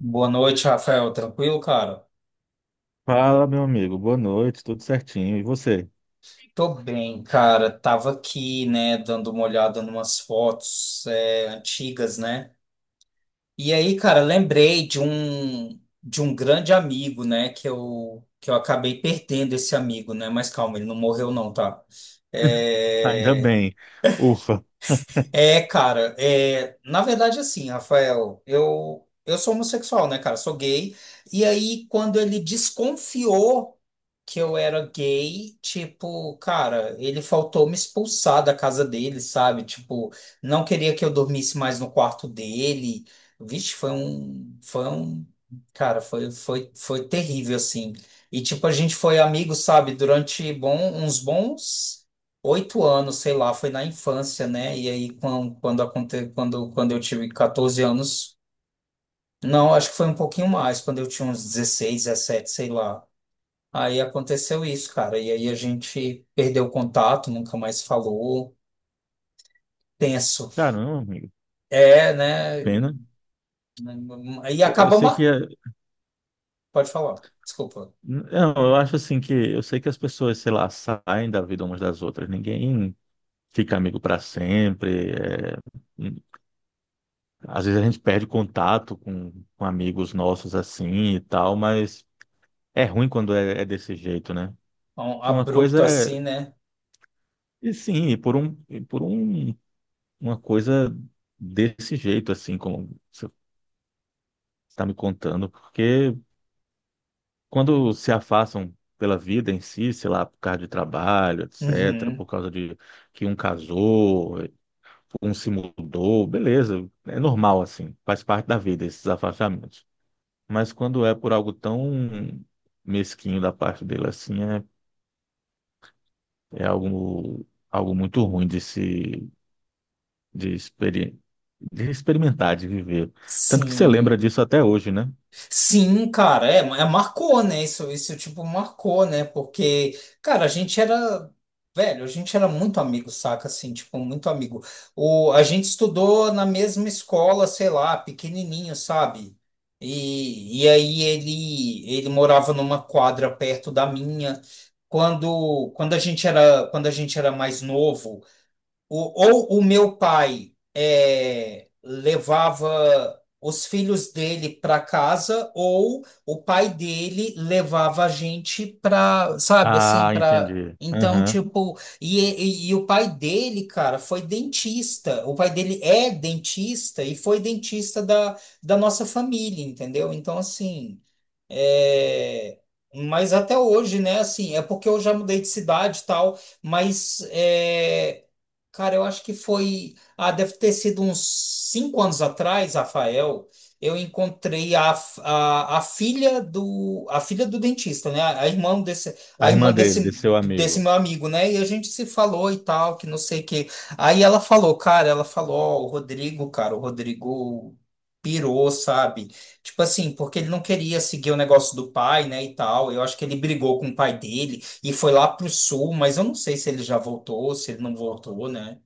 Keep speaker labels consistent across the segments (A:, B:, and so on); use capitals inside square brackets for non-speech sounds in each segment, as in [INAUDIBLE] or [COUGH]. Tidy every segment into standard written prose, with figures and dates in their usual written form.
A: Boa noite, Rafael. Tranquilo, cara?
B: Fala, meu amigo. Boa noite, tudo certinho. E você?
A: Tô bem, cara. Tava aqui, né, dando uma olhada numas fotos, antigas, né? E aí, cara, lembrei de um grande amigo, né, que eu acabei perdendo esse amigo, né? Mas calma, ele não morreu não, tá?
B: [LAUGHS] Ainda
A: É,
B: bem. Ufa.
A: cara, na verdade, assim, Rafael, eu sou homossexual, né, cara? Sou gay. E aí, quando ele desconfiou que eu era gay, tipo, cara, ele faltou me expulsar da casa dele, sabe? Tipo, não queria que eu dormisse mais no quarto dele. Vixe, foi um, cara, foi terrível, assim. E, tipo, a gente foi amigo, sabe, uns bons 8 anos, sei lá, foi na infância, né? E aí, quando eu tive 14 anos, não, acho que foi um pouquinho mais, quando eu tinha uns 16 17 sei lá. Aí aconteceu isso, cara. E aí a gente perdeu o contato, nunca mais falou. Tenso.
B: Caramba, amigo.
A: É, né?
B: Pena.
A: E
B: Eu
A: acaba.
B: sei que.
A: Pode falar, desculpa.
B: Não, eu acho assim que. Eu sei que as pessoas, sei lá, saem da vida umas das outras. Ninguém fica amigo para sempre. Hum, Às vezes a gente perde contato com amigos nossos assim e tal, mas é ruim quando é desse jeito, né?
A: Um
B: Que uma coisa
A: abrupto
B: é.
A: assim, né?
B: E sim, uma coisa desse jeito, assim, como está me contando, porque quando se afastam pela vida em si, sei lá, por causa de trabalho, etc., por
A: Uhum.
B: causa de que um casou, um se mudou, beleza, é normal assim, faz parte da vida esses afastamentos. Mas quando é por algo tão mesquinho da parte dele assim, é algo muito ruim de se de, experi de experimentar, de viver. Tanto que você lembra
A: Sim.
B: disso até hoje, né?
A: Sim, cara, marcou, né? Isso, tipo, marcou, né? Porque, cara, velho, a gente era muito amigo, saca? Assim, tipo, muito amigo. A gente estudou na mesma escola, sei lá, pequenininho, sabe? E aí ele morava numa quadra perto da minha. Quando a gente era mais novo, o- ou o meu pai levava os filhos dele para casa, ou o pai dele levava a gente para, sabe, assim,
B: Ah,
A: para.
B: entendi.
A: Então,
B: Aham.
A: tipo, e o pai dele, cara, foi dentista. O pai dele é dentista e foi dentista da nossa família, entendeu? Então, assim. É, mas até hoje, né? Assim, é porque eu já mudei de cidade e tal, mas, cara, eu acho que foi. Ah, deve ter sido uns 5 anos atrás, Rafael. Eu encontrei a filha do dentista, né? A, irmã desse
B: A
A: a irmã
B: irmã dele,
A: desse
B: desse seu
A: desse
B: amigo.
A: meu amigo, né? E a gente se falou e tal, que não sei o que. Aí ela falou, cara, ela falou, ó, o Rodrigo, cara, o Rodrigo pirou, sabe? Tipo assim, porque ele não queria seguir o negócio do pai, né, e tal. Eu acho que ele brigou com o pai dele e foi lá pro sul, mas eu não sei se ele já voltou, se ele não voltou, né?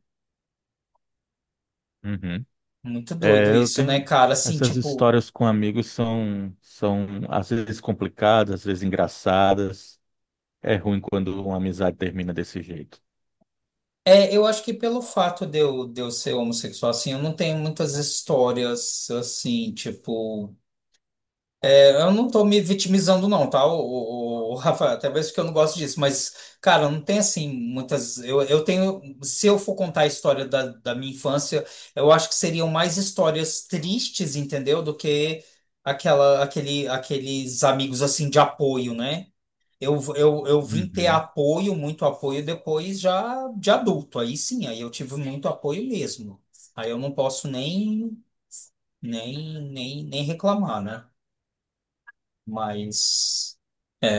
B: Uhum.
A: Muito doido
B: É, eu
A: isso, né,
B: tenho
A: cara? Assim,
B: essas
A: tipo,
B: histórias com amigos, são às vezes complicadas, às vezes engraçadas. É ruim quando uma amizade termina desse jeito.
A: eu acho que pelo fato de eu ser homossexual, assim, eu não tenho muitas histórias, assim, tipo. Eu não tô me vitimizando, não, tá, o Rafa? Até mesmo que eu não gosto disso, mas, cara, não tem assim muitas. Eu tenho. Se eu for contar a história da minha infância, eu acho que seriam mais histórias tristes, entendeu? Do que aqueles amigos assim de apoio, né? Eu vim ter
B: Uhum.
A: apoio, muito apoio depois já de adulto. Aí sim, aí eu tive muito apoio mesmo. Aí eu não posso nem reclamar, né? Mas.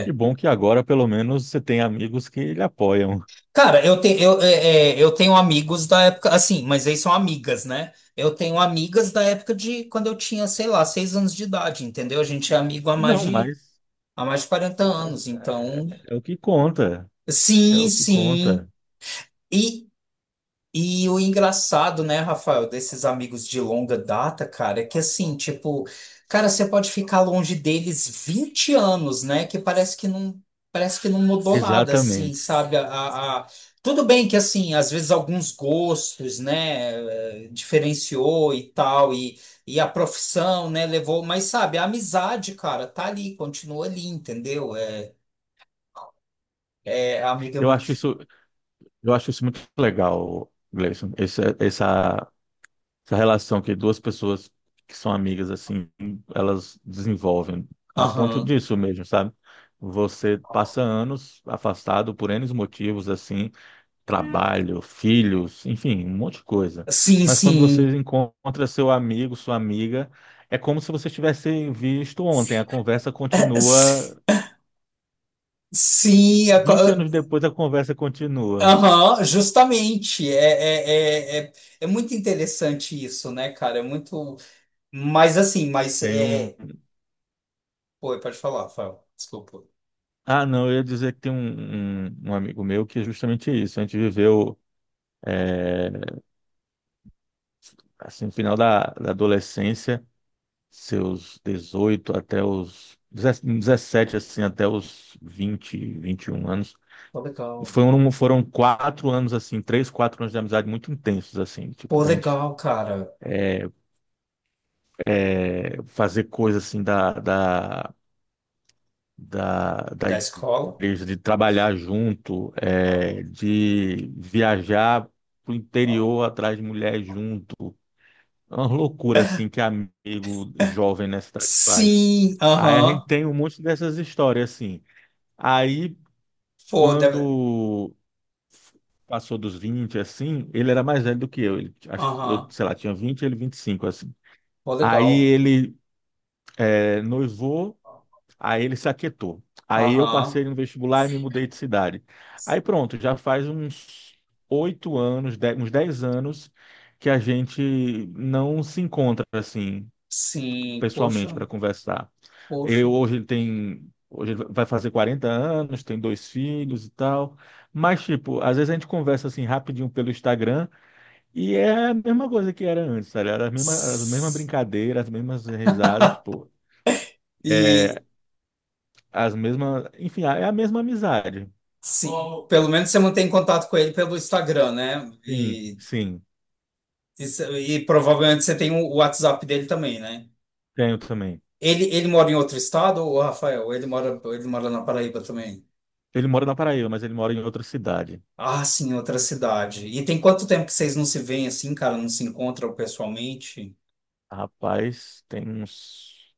B: Que bom que agora pelo menos você tem amigos que lhe apoiam.
A: Cara, eu, te, eu, é, é, eu tenho amigos da época, assim, mas eles são amigas, né? Eu tenho amigas da época de quando eu tinha, sei lá, 6 anos de idade, entendeu? A gente é amigo há mais
B: Não,
A: de,
B: mas,
A: há mais de 40
B: mas
A: anos,
B: é,
A: então.
B: é o que conta, é
A: Sim,
B: o que conta.
A: sim. e E o engraçado, né, Rafael, desses amigos de longa data, cara, é que assim, tipo, cara, você pode ficar longe deles 20 anos, né, que parece que não mudou nada, assim,
B: Exatamente.
A: sabe? Tudo bem que, assim, às vezes alguns gostos, né, diferenciou e tal, e a profissão, né, levou, mas sabe, a amizade, cara, tá ali, continua ali, entendeu? É a amiga.
B: Eu acho isso, eu acho isso muito legal, Gleison, essa relação que duas pessoas que são amigas assim, elas desenvolvem a ponto
A: Aham.
B: disso mesmo, sabe? Você passa anos afastado por N motivos assim, trabalho, filhos, enfim, um monte de coisa.
A: Sim,
B: Mas quando
A: sim.
B: você encontra seu amigo, sua amiga, é como se vocês tivessem visto ontem. A conversa continua,
A: [LAUGHS] Sim,
B: 20 anos depois a conversa continua.
A: Aham, justamente. É, é, é, é muito interessante isso, né, cara? É muito. Mas assim, mas
B: Tem um.
A: é. Pô, pode falar, Fábio. Desculpa.
B: Ah, não, eu ia dizer que tem um amigo meu que é justamente isso. A gente viveu assim, no final da adolescência, seus 18 até os 17 assim, até os vinte e um anos.
A: Pô, legal.
B: Foram 4 anos, assim, 3, 4 anos de amizade muito intensos, assim, tipo,
A: Pô,
B: da gente
A: legal, cara.
B: fazer coisa, assim, da
A: Da escola.
B: igreja, de trabalhar junto, de viajar pro interior atrás de mulher junto. É uma loucura assim que amigo jovem na cidade faz.
A: Sim,
B: Aí a gente
A: aham.
B: tem um monte dessas histórias assim. Aí
A: Pô, deve.
B: quando f- passou dos 20 assim, ele era mais velho do que eu. Ele, acho, que eu,
A: Aham.
B: sei lá, tinha 20, ele 25 assim.
A: Pô,
B: Aí
A: legal.
B: ele noivou, aí ele se aquietou. Aí eu
A: Aham.
B: passei no vestibular e me mudei de cidade. Aí pronto, já faz uns 8 anos, uns 10 anos que a gente não se encontra assim
A: Sim,
B: pessoalmente
A: poxa,
B: para conversar.
A: poxa.
B: Eu hoje ele tem, Hoje ele vai fazer 40 anos, tem dois filhos e tal. Mas tipo, às vezes a gente conversa assim rapidinho pelo Instagram e é a mesma coisa que era antes, sabe? Era as mesmas
A: S-
B: brincadeiras, as mesmas risadas, pô. É,
A: E
B: as mesmas, enfim, é a mesma amizade.
A: sim, pelo menos você mantém contato com ele pelo Instagram, né?
B: Sim, sim,
A: E provavelmente você tem o WhatsApp dele também, né?
B: tenho também.
A: Ele mora em outro estado, o Rafael? Ele mora na Paraíba também?
B: Ele mora na Paraíba, mas ele mora em outra cidade.
A: Ah, sim, outra cidade. E tem quanto tempo que vocês não se veem assim, cara? Não se encontram pessoalmente?
B: Rapaz, tem uns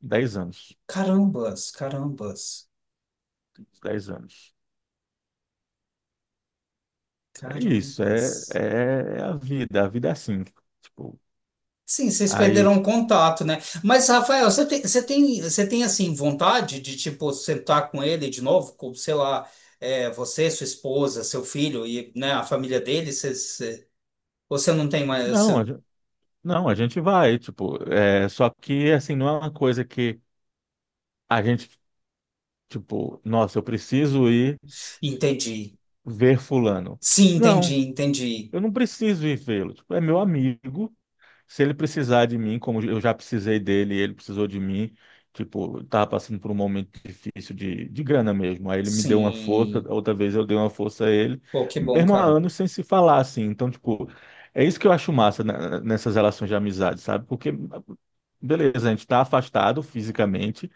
B: 10 anos.
A: Carambas, carambas,
B: Uns 10 anos. É isso, é,
A: carambas.
B: é é a vida é assim, tipo,
A: Sim, vocês
B: aí,
A: perderam o contato, né? Mas, Rafael, você tem assim, vontade de, tipo, sentar com ele de novo? Com, sei lá, você, sua esposa, seu filho e, né, a família dele? Vocês. Você não tem mais.
B: não, a gente, não, a gente vai, tipo, é, só que, assim, não é uma coisa que a gente, tipo, nossa, eu preciso ir
A: Entendi.
B: ver fulano.
A: Sim, entendi,
B: Não,
A: entendi.
B: eu não preciso ir vê-lo, tipo, é meu amigo, se ele precisar de mim, como eu já precisei dele, ele precisou de mim, tipo, eu tava passando por um momento difícil de grana mesmo. Aí ele me deu uma força,
A: Sim.
B: outra vez eu dei uma força a ele,
A: Pô, que bom,
B: mesmo há
A: cara.
B: anos sem se falar assim. Então, tipo, é isso que eu acho massa, né, nessas relações de amizade, sabe? Porque beleza, a gente tá afastado fisicamente,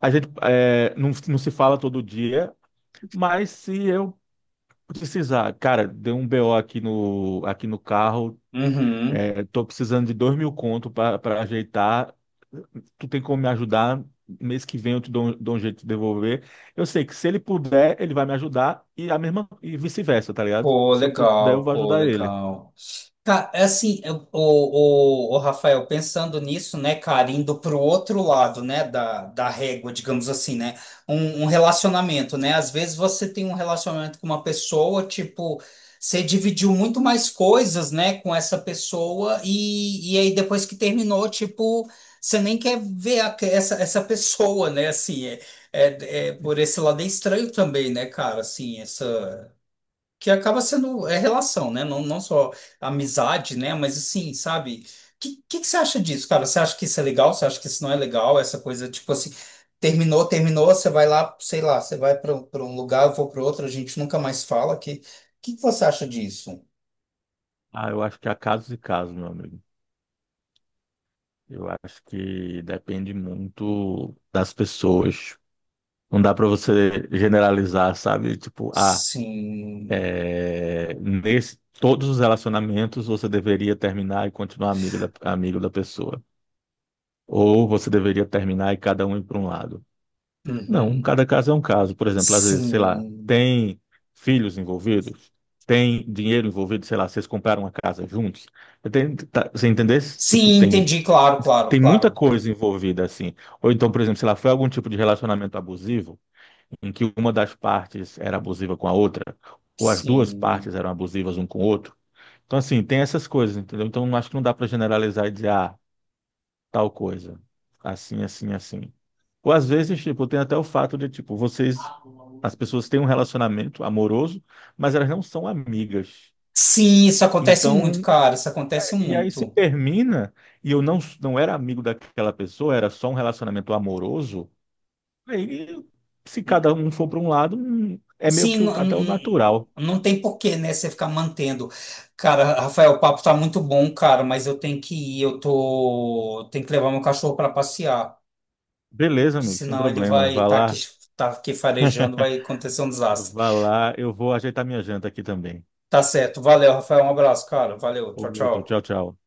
B: a gente é, não, não se fala todo dia, mas se eu precisar, cara, deu um BO aqui no carro,
A: Uhum.
B: tô precisando de 2 mil conto para ajeitar. Tu tem como me ajudar? Mês que vem eu te dou um jeito de devolver. Eu sei que se ele puder, ele vai me ajudar e a mesma e vice-versa, tá ligado?
A: Pô,
B: Se eu puder, eu
A: legal,
B: vou
A: pô,
B: ajudar ele.
A: legal. Assim, o Rafael, pensando nisso, né, cara, indo pro outro lado, né, da régua, digamos assim, né, um relacionamento, né, às vezes você tem um relacionamento com uma pessoa, tipo, você dividiu muito mais coisas, né, com essa pessoa e aí depois que terminou, tipo, você nem quer ver essa pessoa, né, assim, por esse lado é estranho também, né, cara, assim, essa que acaba sendo relação, né? Não, não só amizade, né? Mas assim, sabe? O que você acha disso, cara? Você acha que isso é legal? Você acha que isso não é legal? Essa coisa, tipo assim, terminou, terminou, você vai lá, sei lá, você vai para um lugar, eu vou para outro, a gente nunca mais fala. Que você acha disso?
B: Ah, eu acho que há casos e casos, meu amigo. Eu acho que depende muito das pessoas. Não dá para você generalizar, sabe? Tipo, ah,
A: Sim.
B: é, nesse, todos os relacionamentos você deveria terminar e continuar amigo da pessoa. Ou você deveria terminar e cada um ir para um lado? Não,
A: Uhum.
B: cada caso é um caso. Por exemplo, às vezes, sei lá,
A: Sim.
B: tem filhos envolvidos, tem dinheiro envolvido, sei lá, vocês compraram uma casa juntos. Tem, tá, você entender? Tipo,
A: Sim,
B: tem,
A: entendi, claro, claro,
B: tem muita
A: claro.
B: coisa envolvida assim. Ou então, por exemplo, sei lá, foi algum tipo de relacionamento abusivo em que uma das partes era abusiva com a outra, ou as duas
A: Sim.
B: partes eram abusivas um com o outro. Então, assim, tem essas coisas, entendeu? Então, acho que não dá para generalizar e dizer, ah, tal coisa. Assim, assim, assim. Ou às vezes, tipo, tem até o fato de, tipo, vocês, as pessoas têm um relacionamento amoroso, mas elas não são amigas.
A: Sim, isso acontece muito,
B: Então,
A: cara. Isso acontece
B: e aí se
A: muito.
B: termina, e eu não, não era amigo daquela pessoa, era só um relacionamento amoroso, aí se cada um for para um lado, é meio
A: Sim,
B: que
A: não,
B: até o natural.
A: não tem porquê, né? Você ficar mantendo. Cara, Rafael, o papo tá muito bom, cara, mas eu tenho que ir. Eu tô. Tenho que levar meu cachorro para passear.
B: Beleza, amigo, sem
A: Senão ele
B: problema.
A: vai estar aqui, tá aqui farejando, vai acontecer um desastre.
B: Vá lá, eu vou ajeitar minha janta aqui também.
A: Tá certo. Valeu, Rafael. Um abraço, cara. Valeu. Tchau,
B: Outro, tchau,
A: tchau.
B: tchau.